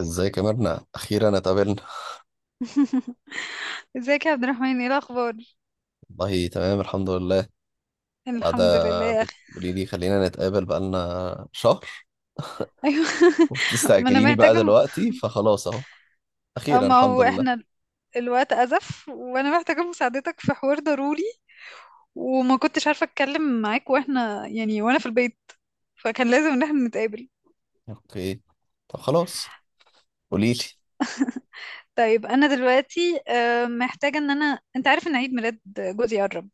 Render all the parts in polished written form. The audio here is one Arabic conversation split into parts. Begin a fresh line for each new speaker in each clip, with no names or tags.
ازيك يا مرنة؟ اخيرا اتقابلنا.
ازيك يا عبد الرحمن؟ ايه الاخبار؟
والله تمام، الحمد لله. قاعدة.
الحمد لله يا اخي.
بتقولي لي خلينا نتقابل بقالنا شهر،
ايوه. ما انا
وبتستعجليني بقى
محتاجه.
دلوقتي، فخلاص اهو.
اه،
اخيرا
ما
الحمد
هو
لله.
احنا الوقت ازف وانا محتاجه مساعدتك في حوار ضروري، وما كنتش عارفه اتكلم معاك واحنا يعني وانا في البيت، فكان لازم ان احنا نتقابل.
اوكي، طب خلاص، قولي لي.
طيب انا دلوقتي، محتاجه ان انا، انت عارف ان عيد ميلاد جوزي قرب.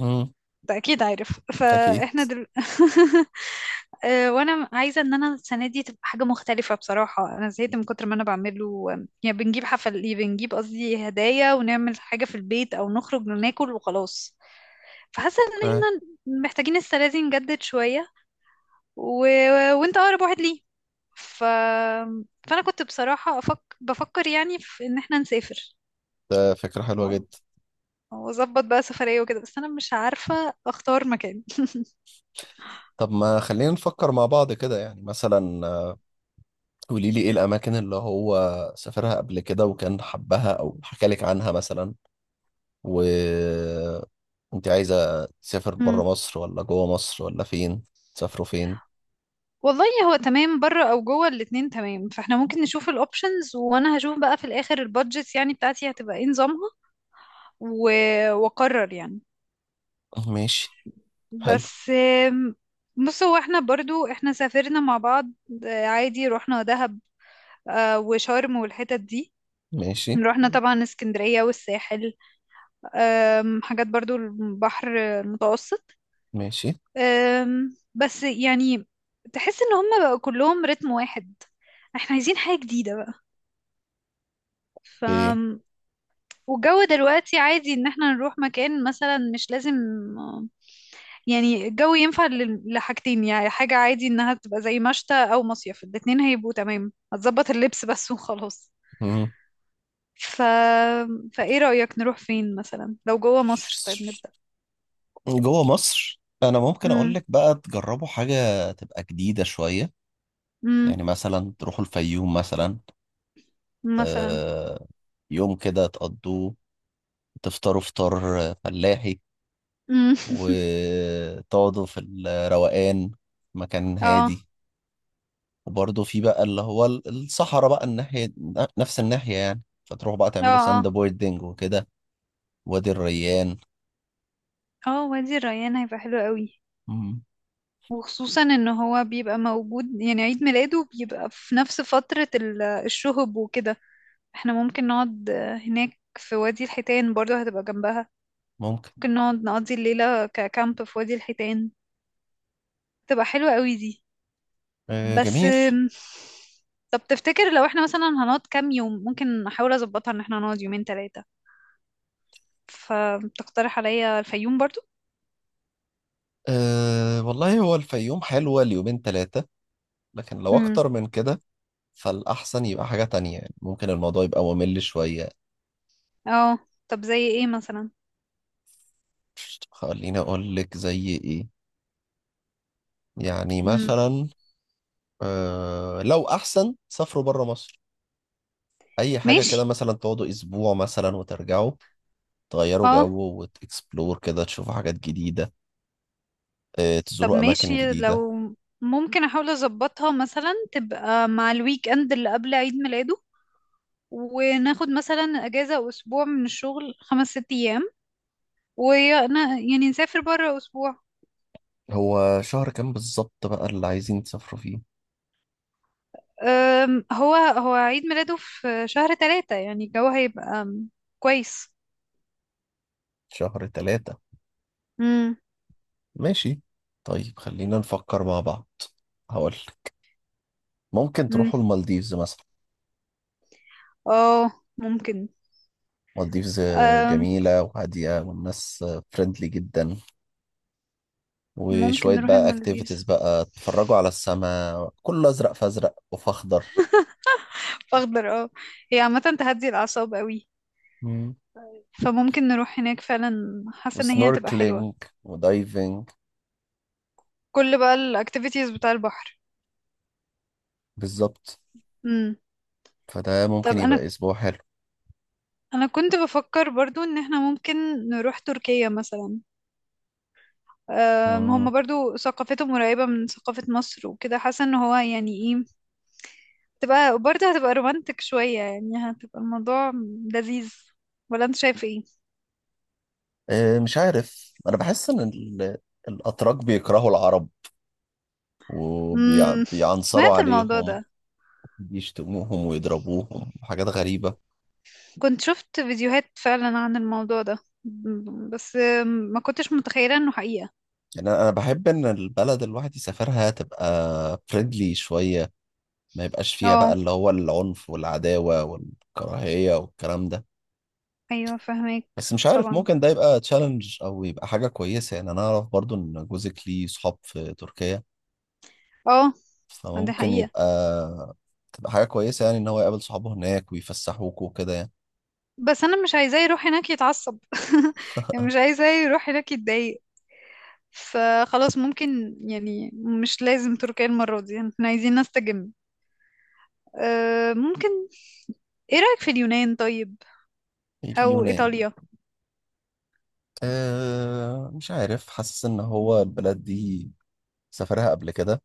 امم.
ده اكيد عارف،
اكيد.
فاحنا وانا عايزه ان انا السنه دي تبقى حاجه مختلفه. بصراحه انا زهقت من كتر ما انا بعمله. يعني بنجيب حفل، بنجيب، قصدي هدايا، ونعمل حاجه في البيت او نخرج وناكل وخلاص. فحاسه ان
اوكي.
احنا محتاجين السنه دي نجدد شويه. و... وانت اقرب واحد ليه. ف... فانا كنت بصراحه بفكر يعني في ان احنا نسافر.
ده فكرة حلوة
و-
جدا.
واظبط بقى سفريه وكده، بس انا مش عارفه اختار مكان.
طب ما خلينا نفكر مع بعض كده، يعني مثلا، قولي لي، ايه الاماكن اللي هو سافرها قبل كده وكان حبها او حكى لك عنها مثلا؟ و انت عايزة تسافر برا مصر ولا جوا مصر ولا فين؟ تسافروا فين؟
والله هو تمام، بره او جوه الاتنين تمام، فاحنا ممكن نشوف الاوبشنز وانا هشوف بقى في الاخر البادجت يعني بتاعتي هتبقى ايه نظامها. و... واقرر يعني.
ماشي. حلو.
بس. آم، بص، هو احنا برضو احنا سافرنا مع بعض. عادي رحنا دهب. وشرم والحتت دي.
ماشي،
رحنا طبعا اسكندرية والساحل. حاجات برضو البحر المتوسط.
ماشي،
بس يعني تحس ان هم بقى كلهم رتم واحد. احنا عايزين حاجة جديدة بقى.
ايه؟
والجو دلوقتي عادي ان احنا نروح مكان مثلا، مش لازم. يعني الجو ينفع لحاجتين، يعني حاجة عادي انها تبقى زي مشتى او مصيف، الاتنين هيبقوا تمام، هتظبط اللبس بس وخلاص.
مم.
ف... فايه رأيك نروح فين مثلا؟ لو جوه مصر طيب نبدأ.
جوا مصر انا ممكن اقول
امم.
لك بقى تجربوا حاجة تبقى جديدة شوية.
امم.
يعني مثلا تروحوا الفيوم مثلا.
مثلا.
آه. يوم كده تقضوه، تفطروا فطار فلاحي،
امم.
وتقعدوا في الروقان، مكان
اه،
هادي. وبرضه في بقى اللي هو الصحراء بقى الناحية، نفس الناحية يعني، فتروح بقى
اه،
تعملوا
اه،
ساند بوردنج وكده. وادي الريان.
اه وادي الريان هيبقى حلو قوي.
مم.
وخصوصا ان هو بيبقى موجود، يعني عيد ميلاده بيبقى في نفس فترة الشهب وكده. احنا ممكن نقعد هناك، في وادي الحيتان برضو هتبقى جنبها.
ممكن.
ممكن نقعد نقضي الليلة ككامب في وادي الحيتان، تبقى حلوة قوي دي.
آه،
بس
جميل.
طب تفتكر لو احنا مثلا هنقعد كام يوم، ممكن احاول اظبطها ان احنا نقعد يومين 3؟ فتقترح عليا الفيوم برضو؟
آه، والله هو الفيوم حلوة ليومين ثلاثة، لكن لو
امم.
أكتر من كده فالأحسن يبقى حاجة تانية، يعني ممكن الموضوع يبقى ممل شوية.
اه. طب زي ايه مثلا؟
خليني أقول لك زي إيه. يعني
امم.
مثلا، لو أحسن سافروا بره مصر، أي حاجة كده،
ماشي.
مثلا تقعدوا أسبوع مثلا وترجعوا، تغيروا
اه.
جو وتكسبلور كده، تشوفوا حاجات جديدة،
طب
تزوروا أماكن
ماشي،
جديدة.
لو ممكن احاول اظبطها مثلا تبقى مع الويك اند اللي قبل عيد ميلاده، وناخد مثلا اجازة اسبوع من الشغل 5 6 ايام، ويعني نسافر بره اسبوع.
هو شهر كام بالظبط بقى اللي عايزين تسافروا فيه؟
هو عيد ميلاده في شهر 3، يعني الجو هيبقى كويس.
شهر 3.
امم.
ماشي. طيب، خلينا نفكر مع بعض. هقول، ممكن
امم.
تروحوا المالديفز مثلا.
اه. ممكن.
مالديفز
أم،
جميلة وهادية، والناس فريندلي جدا.
ممكن
وشوية
نروح
بقى
المالديفز.
اكتيفيتيز بقى، تتفرجوا على السماء كله أزرق، فأزرق وفخضر.
اخضر. اه. هي عامة تهدي الاعصاب قوي.
مم.
فممكن نروح هناك فعلا، حاسة ان هي هتبقى حلوة.
وسنوركلينج ودايفنج.
كل بقى الاكتيفيتيز بتاع البحر.
بالظبط.
امم.
فده ممكن
طب انا
يبقى أسبوع حلو.
انا كنت بفكر برضو ان احنا ممكن نروح تركيا مثلا. هم
مم.
برضو ثقافتهم قريبة من ثقافة مصر وكده، حاسة ان هو يعني ايه. تبقى برضه هتبقى رومانتك شوية، يعني هتبقى الموضوع لذيذ. ولا انت شايف ايه؟
مش عارف، انا بحس ان الاتراك بيكرهوا العرب
امم.
وبيعنصروا
سمعت الموضوع
عليهم.
ده.
بيشتموهم ويضربوهم وحاجات غريبة.
كنت شفت فيديوهات فعلا عن الموضوع ده، بس ما كنتش متخيلة انه حقيقة.
يعني أنا بحب ان البلد الواحد يسافرها تبقى فريندلي شوية، ما يبقاش فيها بقى
اه،
اللي هو العنف والعداوة والكراهية والكلام ده.
ايوه، فهمك.
بس مش عارف،
طبعا.
ممكن ده يبقى تشالنج او يبقى حاجة كويسة، يعني انا اعرف برضو ان جوزك ليه صحاب في تركيا،
اه. دي
فممكن
حقيقة.
يبقى تبقى حاجة كويسة يعني، إن هو يقابل صحابه هناك ويفسحوك وكده يعني.
بس انا مش عايزاه يروح هناك يتعصب. يعني مش عايزاه يروح هناك يتضايق. فخلاص ممكن يعني، مش لازم تركيا المرة دي، احنا عايزين نستجم. أه ممكن. ايه رأيك في اليونان طيب؟ او
اليونان؟
ايطاليا؟
آه، مش عارف، حاسس إن هو البلد دي سافرها قبل كده،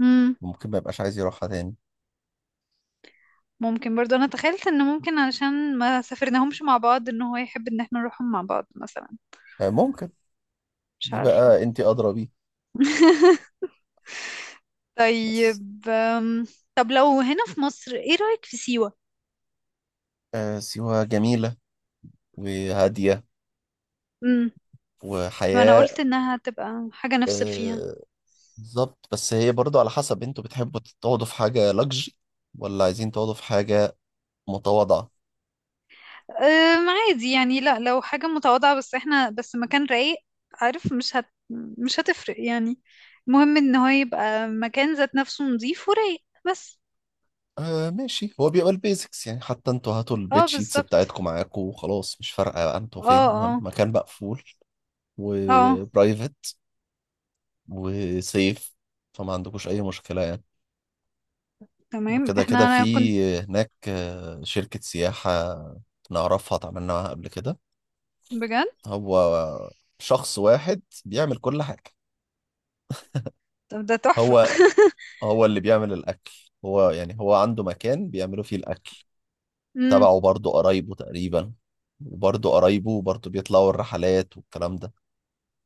امم.
ممكن ما يبقاش عايز يروحها تاني.
ممكن برضو. انا تخيلت ان ممكن علشان ما سافرناهمش مع بعض، ان هو يحب ان احنا نروحهم مع بعض مثلا.
آه، ممكن.
مش
دي
عارفة.
بقى أنت أدرى بيه. بس،
طيب طب لو هنا في مصر، ايه رأيك في سيوة؟
آه، سيوة جميلة وهادية،
امم. ما انا
وحياة.
قلت انها تبقى حاجة نفصل فيها.
آه، بالظبط. بس هي برضو على حسب، أنتوا بتحبوا تقعدوا في حاجة لاكجري ولا عايزين تقعدوا في حاجة متواضعة؟
عادي يعني، لا لو حاجة متواضعة بس، احنا بس مكان رايق. عارف مش هتفرق يعني. المهم ان هو يبقى مكان ذات نفسه نظيف ورايق بس.
آه، ماشي، هو بيبقى البيزكس يعني، حتى انتوا هاتوا
اه،
البيت شيتس
بالظبط.
بتاعتكم معاكم وخلاص، مش فارقة بقى انتوا
اه.
فين، المهم
اه.
مكان مقفول
اه.
وبرايفت وسيف. فما عندكوش أي مشكلة يعني.
تمام.
وكده كده
احنا،
في
انا كنت.
هناك شركة سياحة نعرفها، اتعاملنا معاها قبل كده.
بجد؟
هو شخص واحد بيعمل كل حاجة.
طب ده تحفة.
هو هو اللي بيعمل الأكل، هو يعني، هو عنده مكان بيعملوا فيه الأكل،
امم.
تبعه، برضه قرايبه تقريبا. وبرضه قرايبه برضه بيطلعوا الرحلات والكلام ده،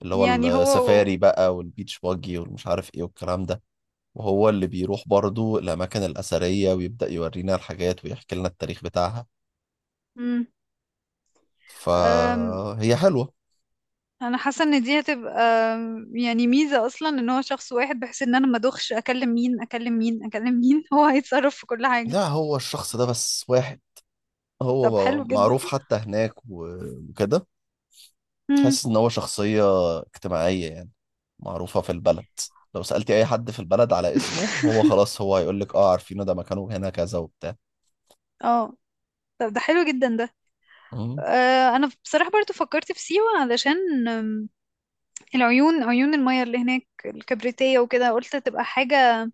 اللي هو
يعني هو.
السفاري بقى والبيتش باجي والمش عارف ايه والكلام ده. وهو اللي بيروح برضه الأماكن الأثرية، ويبدأ يورينا الحاجات ويحكي لنا التاريخ بتاعها.
امم. أم،
فهي حلوة.
انا حاسة ان دي هتبقى يعني ميزة اصلا، ان هو شخص واحد، بحيث ان انا ما ادوخش اكلم مين اكلم مين اكلم مين. هو هيتصرف في كل حاجة.
لا، هو الشخص ده بس واحد،
طب
هو
حلو جدا.
معروف حتى هناك وكده.
امم.
تحس ان هو شخصية اجتماعية يعني، معروفة في البلد. لو سألتي اي حد في البلد على اسمه، هو خلاص هو هيقول لك: اه، عارفينه، ده مكانه هنا كذا وبتاع.
اه. طب ده حلو جدا ده.
مم.
انا بصراحة برضو فكرت في سيوة علشان العيون، عيون المياه اللي هناك الكبريتية وكده، قلت تبقى حاجة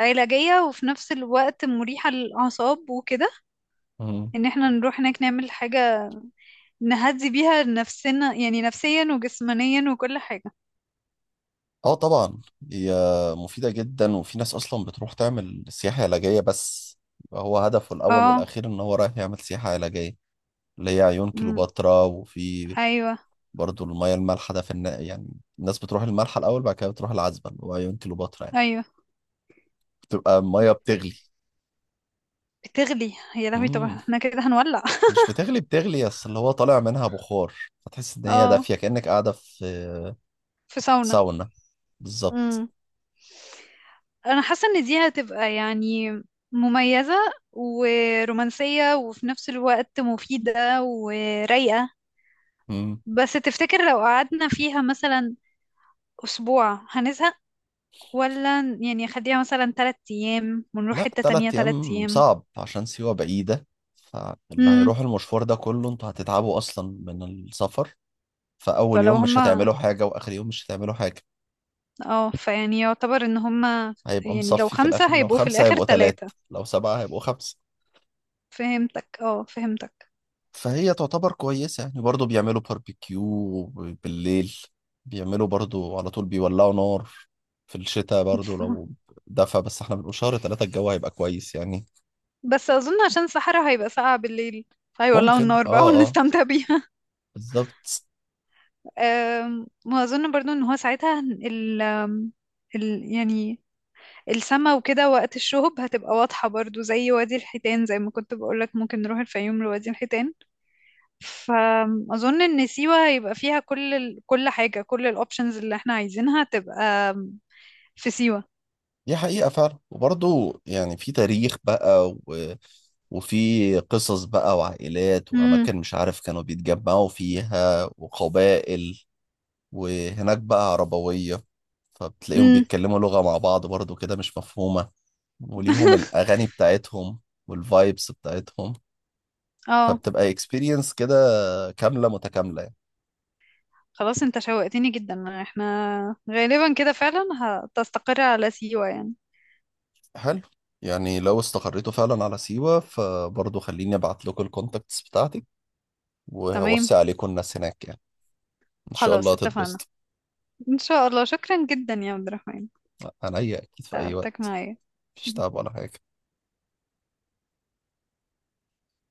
علاجية وفي نفس الوقت مريحة للأعصاب وكده.
مم.
ان احنا نروح هناك نعمل حاجة نهدي بيها نفسنا، يعني نفسيا وجسمانيا وكل حاجة.
اه، طبعا. هي مفيدة جدا، وفي ناس اصلا بتروح تعمل سياحة علاجية بس، يبقى هو هدفه الاول
اه.
والاخير ان هو رايح يعمل سياحة علاجية. اللي هي عيون
أمم،
كليوباترا. وفي
ايوه.
برضو المياه المالحة، ده يعني الناس بتروح المالحة الاول، بعد كده بتروح العذبة اللي هو عيون كليوباترا يعني.
ايوه.
بتبقى المياه بتغلي.
بتغلي؟ يا لهوي طب
مم.
احنا كده هنولع.
مش بتغلي بتغلي، بس اللي هو طالع منها بخار. فتحس ان هي
اه،
دافيه، كانك قاعده في
في ساونا.
ساونا. بالظبط.
امم. انا حاسه ان دي هتبقى يعني مميزه، ورومانسيه وفي نفس الوقت مفيده ورايقه.
مم.
بس تفتكر لو قعدنا فيها مثلا اسبوع هنزهق؟ ولا يعني خليها مثلا 3 ايام ونروح
لا،
حته تانية
تلات
تلات
ايام
ايام
صعب عشان سيوه بعيده، فاللي
امم.
هيروح المشوار ده كله انتوا هتتعبوا اصلا من السفر. فاول
فلو
يوم مش
هما.
هتعملوا حاجه، واخر يوم مش هتعملوا حاجه.
اه فيعني يعتبر ان هما.
هيبقى
يعني لو
مصفي في الاخر،
5
لو
هيبقوا في
خمسه
الاخر
هيبقوا تلات،
3.
لو سبعه هيبقوا خمسه.
فهمتك. اه، فهمتك.
فهي تعتبر كويسة يعني، برضو بيعملوا باربيكيو بالليل، بيعملوا برضو على طول بيولعوا نار في الشتاء برضو لو دفى، بس احنا بنبقى شهر 3 الجو هيبقى كويس يعني.
بس اظن عشان الصحراء هيبقى ساقعة بالليل. ايوه والله،
ممكن،
النار بقى
اه، اه.
ونستمتع بيها.
بالظبط.
وأظن برضو إن هو ساعتها ال آم، ال يعني السما وكده وقت الشهب هتبقى واضحة برضو، زي وادي الحيتان، زي ما كنت بقولك ممكن نروح الفيوم لوادي الحيتان. فأظن إن سيوة يبقى فيها كل كل حاجة، كل الأوبشنز اللي احنا عايزينها تبقى في سيوة.
دي حقيقة فعلا، وبرضو يعني في تاريخ بقى، و... وفي قصص بقى، وعائلات
امم.
وأماكن مش عارف كانوا بيتجمعوا فيها، وقبائل. وهناك بقى عربوية، فبتلاقيهم
امم.
بيتكلموا لغة مع بعض برضو كده مش مفهومة، وليهم الأغاني بتاعتهم والفايبس بتاعتهم.
اه.
فبتبقى اكسبيرينس كده كاملة متكاملة يعني.
خلاص، انت شوقتني جدا، احنا غالبا كده فعلا هتستقر على سيوة يعني.
حلو. يعني لو استقريتوا فعلا على سيوة، فبرضه خليني ابعت لكم الكونتاكتس بتاعتي،
تمام.
وهوصي عليكم الناس هناك يعني. ان شاء الله
خلاص اتفقنا.
هتتبسطوا.
ان شاء الله. شكرا جدا يا عبد الرحمن،
عينيا، اكيد في اي
تعبتك
وقت.
معايا.
مفيش تعب ولا حاجة.